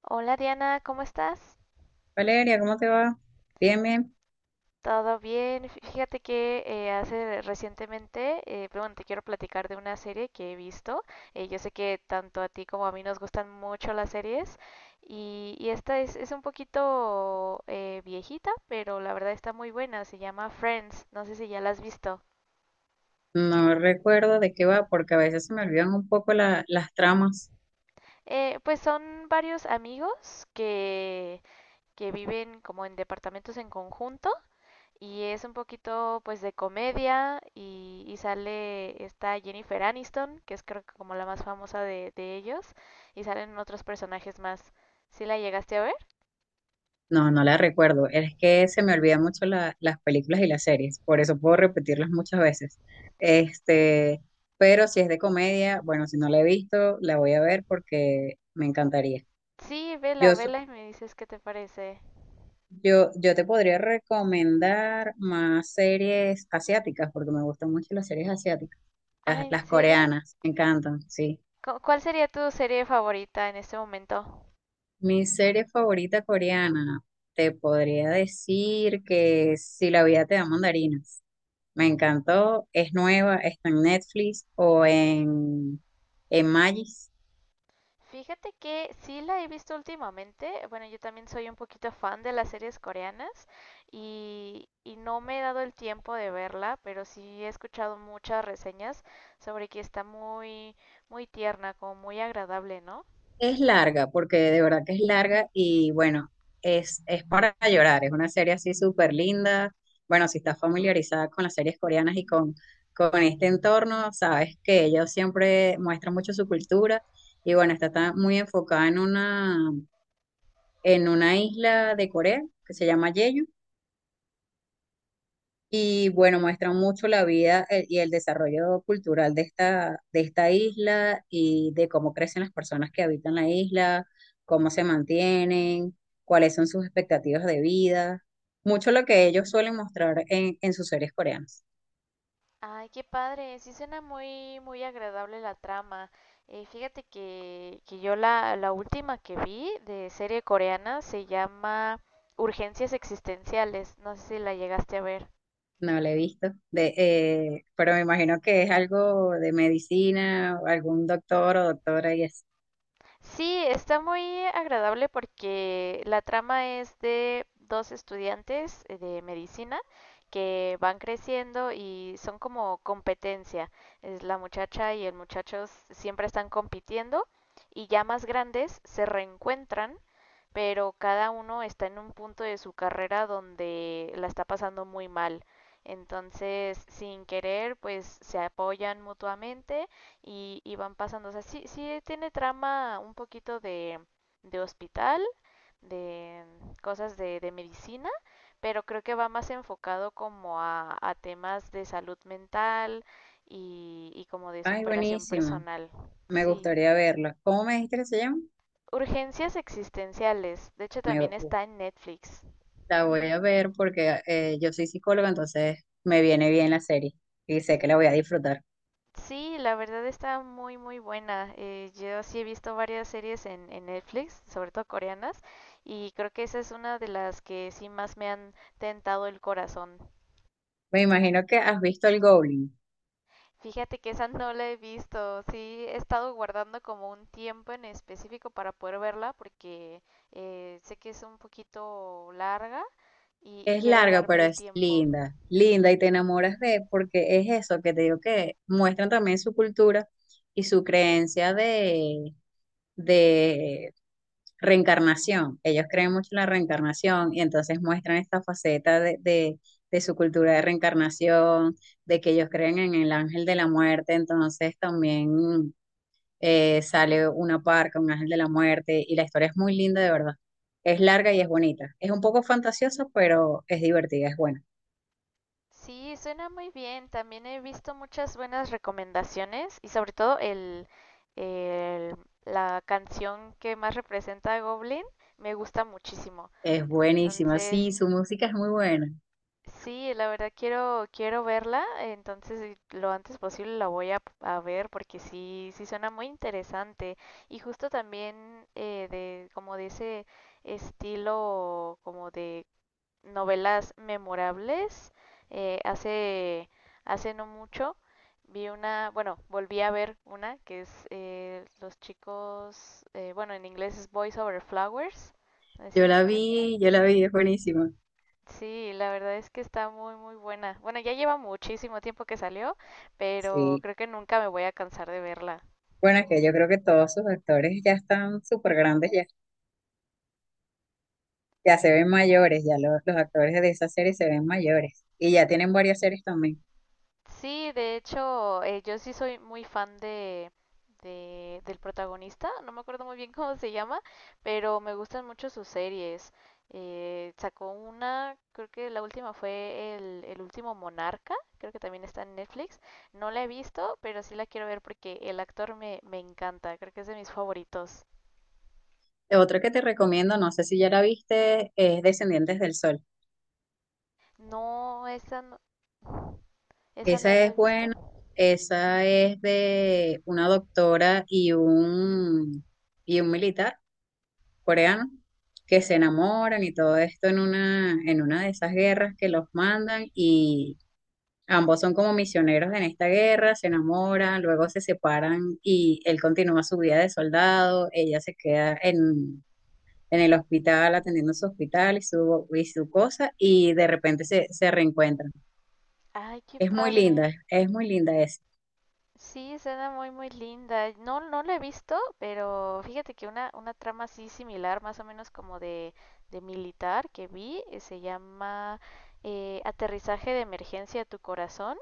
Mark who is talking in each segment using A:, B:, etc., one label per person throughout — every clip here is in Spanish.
A: Hola Diana, ¿cómo estás?
B: Valeria, ¿cómo te va? Bien, bien.
A: ¿Todo bien? Fíjate que hace recientemente, pero bueno, te quiero platicar de una serie que he visto. Yo sé que tanto a ti como a mí nos gustan mucho las series y esta es un poquito viejita, pero la verdad está muy buena. Se llama Friends, no sé si ya la has visto.
B: No recuerdo de qué va porque a veces se me olvidan un poco las tramas.
A: Pues son varios amigos que viven como en departamentos en conjunto y es un poquito pues de comedia y sale esta Jennifer Aniston, que es creo que como la más famosa de ellos, y salen otros personajes más. ¿Sí la llegaste a ver?
B: No, no las recuerdo. Es que se me olvidan mucho las películas y las series, por eso puedo repetirlas muchas veces. Este, pero si es de comedia, bueno, si no la he visto, la voy a ver porque me encantaría.
A: Sí, vela,
B: Yo, so-
A: vela y me dices qué te parece.
B: yo te podría recomendar más series asiáticas porque me gustan mucho las series asiáticas.
A: Ah,
B: Las,
A: ¿en
B: las
A: serio?
B: coreanas, me encantan, sí.
A: ¿Cuál sería tu serie favorita en este momento?
B: Mi serie favorita coreana, te podría decir que Si la vida te da mandarinas. Me encantó, es nueva, está en Netflix en Magis.
A: Fíjate que sí la he visto últimamente. Bueno, yo también soy un poquito fan de las series coreanas y no me he dado el tiempo de verla, pero sí he escuchado muchas reseñas sobre que está muy tierna, como muy agradable, ¿no?
B: Es larga, porque de verdad que es larga y bueno, es para llorar, es una serie así súper linda. Bueno, si estás familiarizada con las series coreanas con este entorno, sabes que ellos siempre muestran mucho su cultura y bueno, está, tan muy enfocada en una isla de Corea que se llama Jeju. Y bueno, muestran mucho la vida y el desarrollo cultural de de esta isla y de cómo crecen las personas que habitan la isla, cómo se mantienen, cuáles son sus expectativas de vida. Mucho lo que ellos suelen mostrar en sus series coreanas.
A: Ay, qué padre, sí suena muy, muy agradable la trama. Fíjate que yo la última que vi de serie coreana se llama Urgencias Existenciales. No sé si la llegaste a ver.
B: No la he visto, pero me imagino que es algo de medicina, o algún doctor o doctora y es.
A: Sí, está muy agradable porque la trama es de dos estudiantes de medicina que van creciendo y son como competencia. Es la muchacha y el muchacho siempre están compitiendo y ya más grandes se reencuentran, pero cada uno está en un punto de su carrera donde la está pasando muy mal. Entonces, sin querer, pues se apoyan mutuamente y van pasando. O sea, sí, sí tiene trama un poquito de hospital, de cosas de medicina, pero creo que va más enfocado como a temas de salud mental y como de
B: Ay,
A: superación
B: buenísimo.
A: personal.
B: Me
A: Sí.
B: gustaría verlo. ¿Cómo me dijiste que se llama?
A: Urgencias existenciales. De hecho,
B: Me,
A: también está en Netflix.
B: la voy a ver porque yo soy psicóloga, entonces me viene bien la serie y sé que la voy a disfrutar.
A: Sí, la verdad está muy, muy buena. Yo sí he visto varias series en Netflix, sobre todo coreanas, y creo que esa es una de las que sí más me han tentado el corazón.
B: Me imagino que has visto el Goblin.
A: Fíjate que esa no la he visto, sí he estado guardando como un tiempo en específico para poder verla porque sé que es un poquito larga y
B: Es
A: quiero
B: larga,
A: darme
B: pero
A: el
B: es
A: tiempo.
B: linda, linda y te enamoras de, porque es eso que te digo que muestran también su cultura y su creencia de reencarnación. Ellos creen mucho en la reencarnación y entonces muestran esta faceta de su cultura de reencarnación, de que ellos creen en el ángel de la muerte, entonces también sale una parca, un ángel de la muerte y la historia es muy linda de verdad. Es larga y es bonita. Es un poco fantasiosa, pero es divertida, es buena.
A: Sí, suena muy bien. También he visto muchas buenas recomendaciones y sobre todo el- la canción que más representa a Goblin me gusta muchísimo.
B: Es buenísima,
A: Entonces,
B: sí, su música es muy buena.
A: sí, la verdad quiero quiero verla, entonces lo antes posible la voy a ver porque sí sí suena muy interesante y justo también de como de ese estilo como de novelas memorables. Eh, hace, hace no mucho vi una, bueno, volví a ver una que es Los chicos, bueno, en inglés es Boys Over Flowers. No si la ubicas.
B: Yo la vi, es buenísima.
A: Sí, la verdad es que está muy, muy buena. Bueno, ya lleva muchísimo tiempo que salió, pero
B: Sí,
A: creo que nunca me voy a cansar de verla.
B: bueno, es que yo creo que todos sus actores ya están súper grandes, ya, ya se ven mayores, ya los actores de esa serie se ven mayores y ya tienen varias series también.
A: Sí, de hecho, yo sí soy muy fan del protagonista, no me acuerdo muy bien cómo se llama, pero me gustan mucho sus series. Sacó una, creo que la última fue el último Monarca, creo que también está en Netflix. No la he visto, pero sí la quiero ver porque el actor me encanta, creo que es de mis favoritos.
B: Otra que te recomiendo, no sé si ya la viste, es Descendientes del Sol.
A: No, esa no, esa no
B: Esa
A: la he
B: es
A: visto.
B: buena, esa es de una doctora y y un militar coreano que se enamoran y todo esto en una de esas guerras que los mandan. Ambos son como misioneros en esta guerra, se enamoran, luego se separan y él continúa su vida de soldado, ella se queda en el hospital atendiendo su hospital y su cosa y de repente se reencuentran.
A: Ay, qué
B: Es muy
A: padre.
B: linda, es muy linda,
A: Sí, suena muy muy linda. No, no la he visto, pero fíjate que una trama así similar, más o menos como de militar que vi, se llama Aterrizaje de Emergencia a tu Corazón.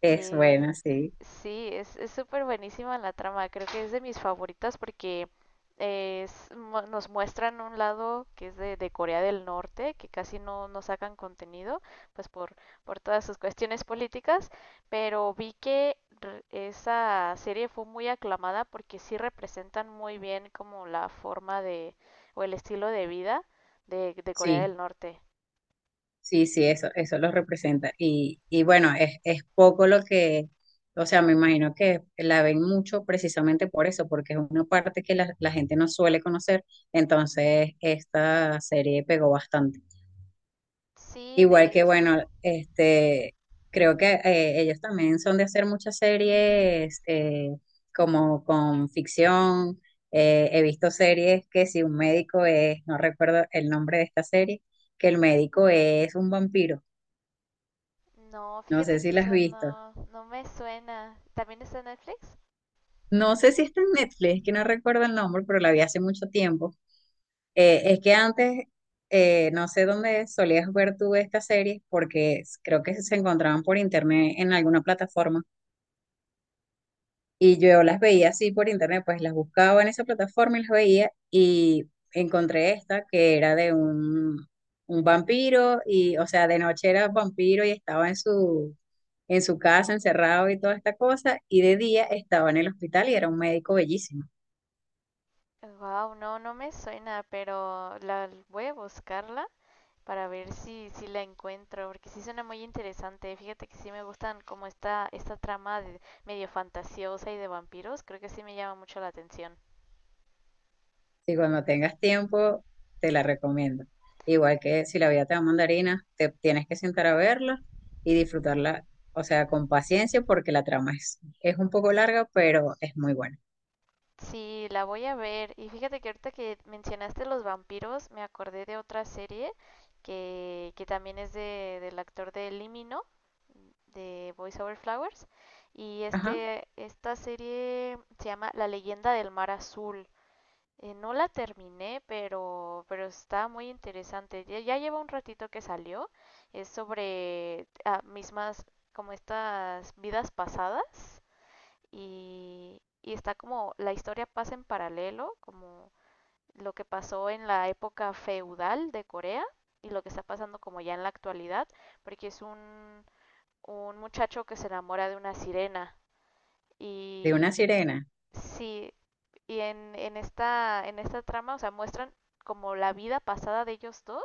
B: es buena,
A: Que
B: sí,
A: sí, es súper buenísima la trama. Creo que es de mis favoritas porque nos muestran un lado que es de Corea del Norte, que casi no, no sacan contenido, pues por todas sus cuestiones políticas, pero vi que esa serie fue muy aclamada porque sí representan muy bien como la forma de, o el estilo de vida de Corea
B: sí.
A: del Norte.
B: Sí, sí, eso lo representa. Y bueno, es poco lo que, o sea, me imagino que la ven mucho precisamente por eso, porque es una parte que la gente no suele conocer, entonces esta serie pegó bastante.
A: Sí,
B: Igual
A: de
B: que,
A: hecho.
B: bueno, creo que ellos también son de hacer muchas series como con ficción. He visto series que si un médico es, no recuerdo el nombre de esta serie, que el médico es un vampiro.
A: No,
B: No
A: fíjate
B: sé si
A: que
B: la has
A: esa
B: visto.
A: no, no me suena. ¿También está en Netflix?
B: No sé si está en Netflix, que no recuerdo el nombre, pero la vi hace mucho tiempo. Es que antes, no sé dónde solías ver tú esta serie, porque creo que se encontraban por internet en alguna plataforma. Y yo las veía así por internet, pues las buscaba en esa plataforma y las veía y encontré esta que era de un vampiro y, o sea, de noche era vampiro y estaba en su casa encerrado y toda esta cosa y de día estaba en el hospital y era un médico bellísimo.
A: Wow, no, no me suena, pero la voy a buscarla para ver si, si la encuentro, porque sí suena muy interesante. Fíjate que sí me gustan como esta trama medio fantasiosa y de vampiros, creo que sí me llama mucho la atención.
B: Y cuando tengas tiempo, te la recomiendo. Igual que si la vida te da mandarina, te tienes que sentar a verla y disfrutarla, o sea, con paciencia porque la trama es un poco larga, pero es muy buena.
A: Sí, la voy a ver. Y fíjate que ahorita que mencionaste los vampiros, me acordé de otra serie que también es de, del actor de Limino, de Voice Over Flowers. Y
B: Ajá.
A: este, esta serie se llama La leyenda del mar azul. No la terminé, pero está muy interesante. Ya, ya lleva un ratito que salió. Es sobre ah, mismas, como estas vidas pasadas y está como la historia pasa en paralelo, como lo que pasó en la época feudal de Corea y lo que está pasando como ya en la actualidad, porque es un muchacho que se enamora de una sirena
B: De una
A: y
B: sirena.
A: sí, y en esta trama, o sea, muestran como la vida pasada de ellos dos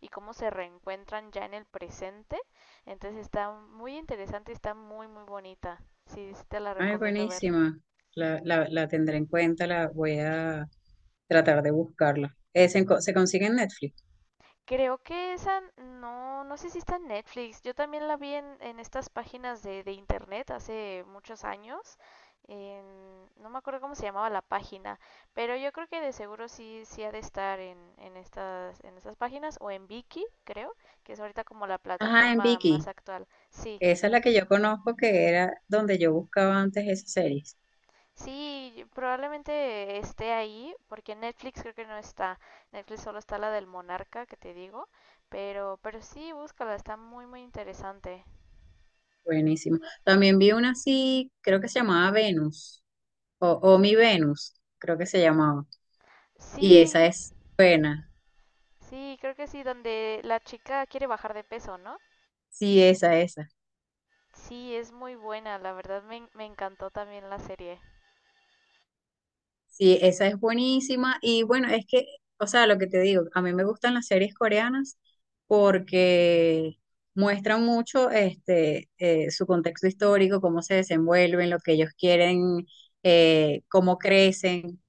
A: y cómo se reencuentran ya en el presente. Entonces está muy interesante, está muy, muy bonita. Sí, sí te la
B: Ay,
A: recomiendo ver.
B: buenísima. La tendré en cuenta, la voy a tratar de buscarla. Se consigue en Netflix.
A: Creo que esa, no, no sé si está en Netflix. Yo también la vi en estas páginas de internet hace muchos años. No me acuerdo cómo se llamaba la página, pero yo creo que de seguro sí, sí ha de estar en estas páginas o en Viki, creo, que es ahorita como la
B: Ajá, en
A: plataforma más
B: Viki.
A: actual. Sí,
B: Esa es la que yo conozco, que era donde yo buscaba antes esas series.
A: sí, probablemente esté ahí, porque en Netflix creo que no está. Netflix solo está la del Monarca, que te digo, pero sí, búscala, está muy, muy interesante.
B: Buenísimo. También vi una así, creo que se llamaba Venus, o Mi Venus, creo que se llamaba. Y esa
A: Sí,
B: es buena.
A: sí, creo que sí, donde la chica quiere bajar de peso, ¿no?
B: Sí, esa, esa.
A: Sí, es muy buena, la verdad me encantó también la serie.
B: Sí, esa es buenísima. Y bueno, es que, o sea, lo que te digo, a mí me gustan las series coreanas porque muestran mucho su contexto histórico, cómo se desenvuelven, lo que ellos quieren, cómo crecen.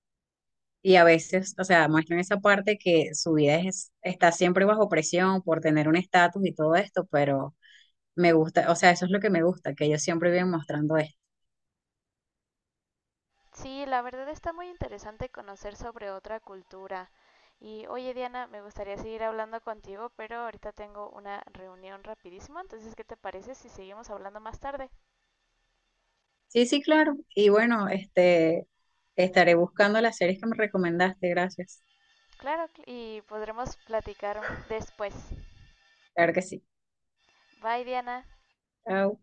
B: Y a veces, o sea, muestran esa parte que su vida está siempre bajo presión por tener un estatus y todo esto, pero me gusta, o sea, eso es lo que me gusta, que ellos siempre viven mostrando esto.
A: Sí, la verdad está muy interesante conocer sobre otra cultura. Y oye Diana, me gustaría seguir hablando contigo, pero ahorita tengo una reunión rapidísimo, entonces ¿qué te parece si seguimos hablando más tarde?
B: Sí, sí, claro. Y bueno, estaré buscando las series que me recomendaste. Gracias.
A: Claro, y podremos platicar después.
B: Claro que sí.
A: Bye Diana.
B: Chao.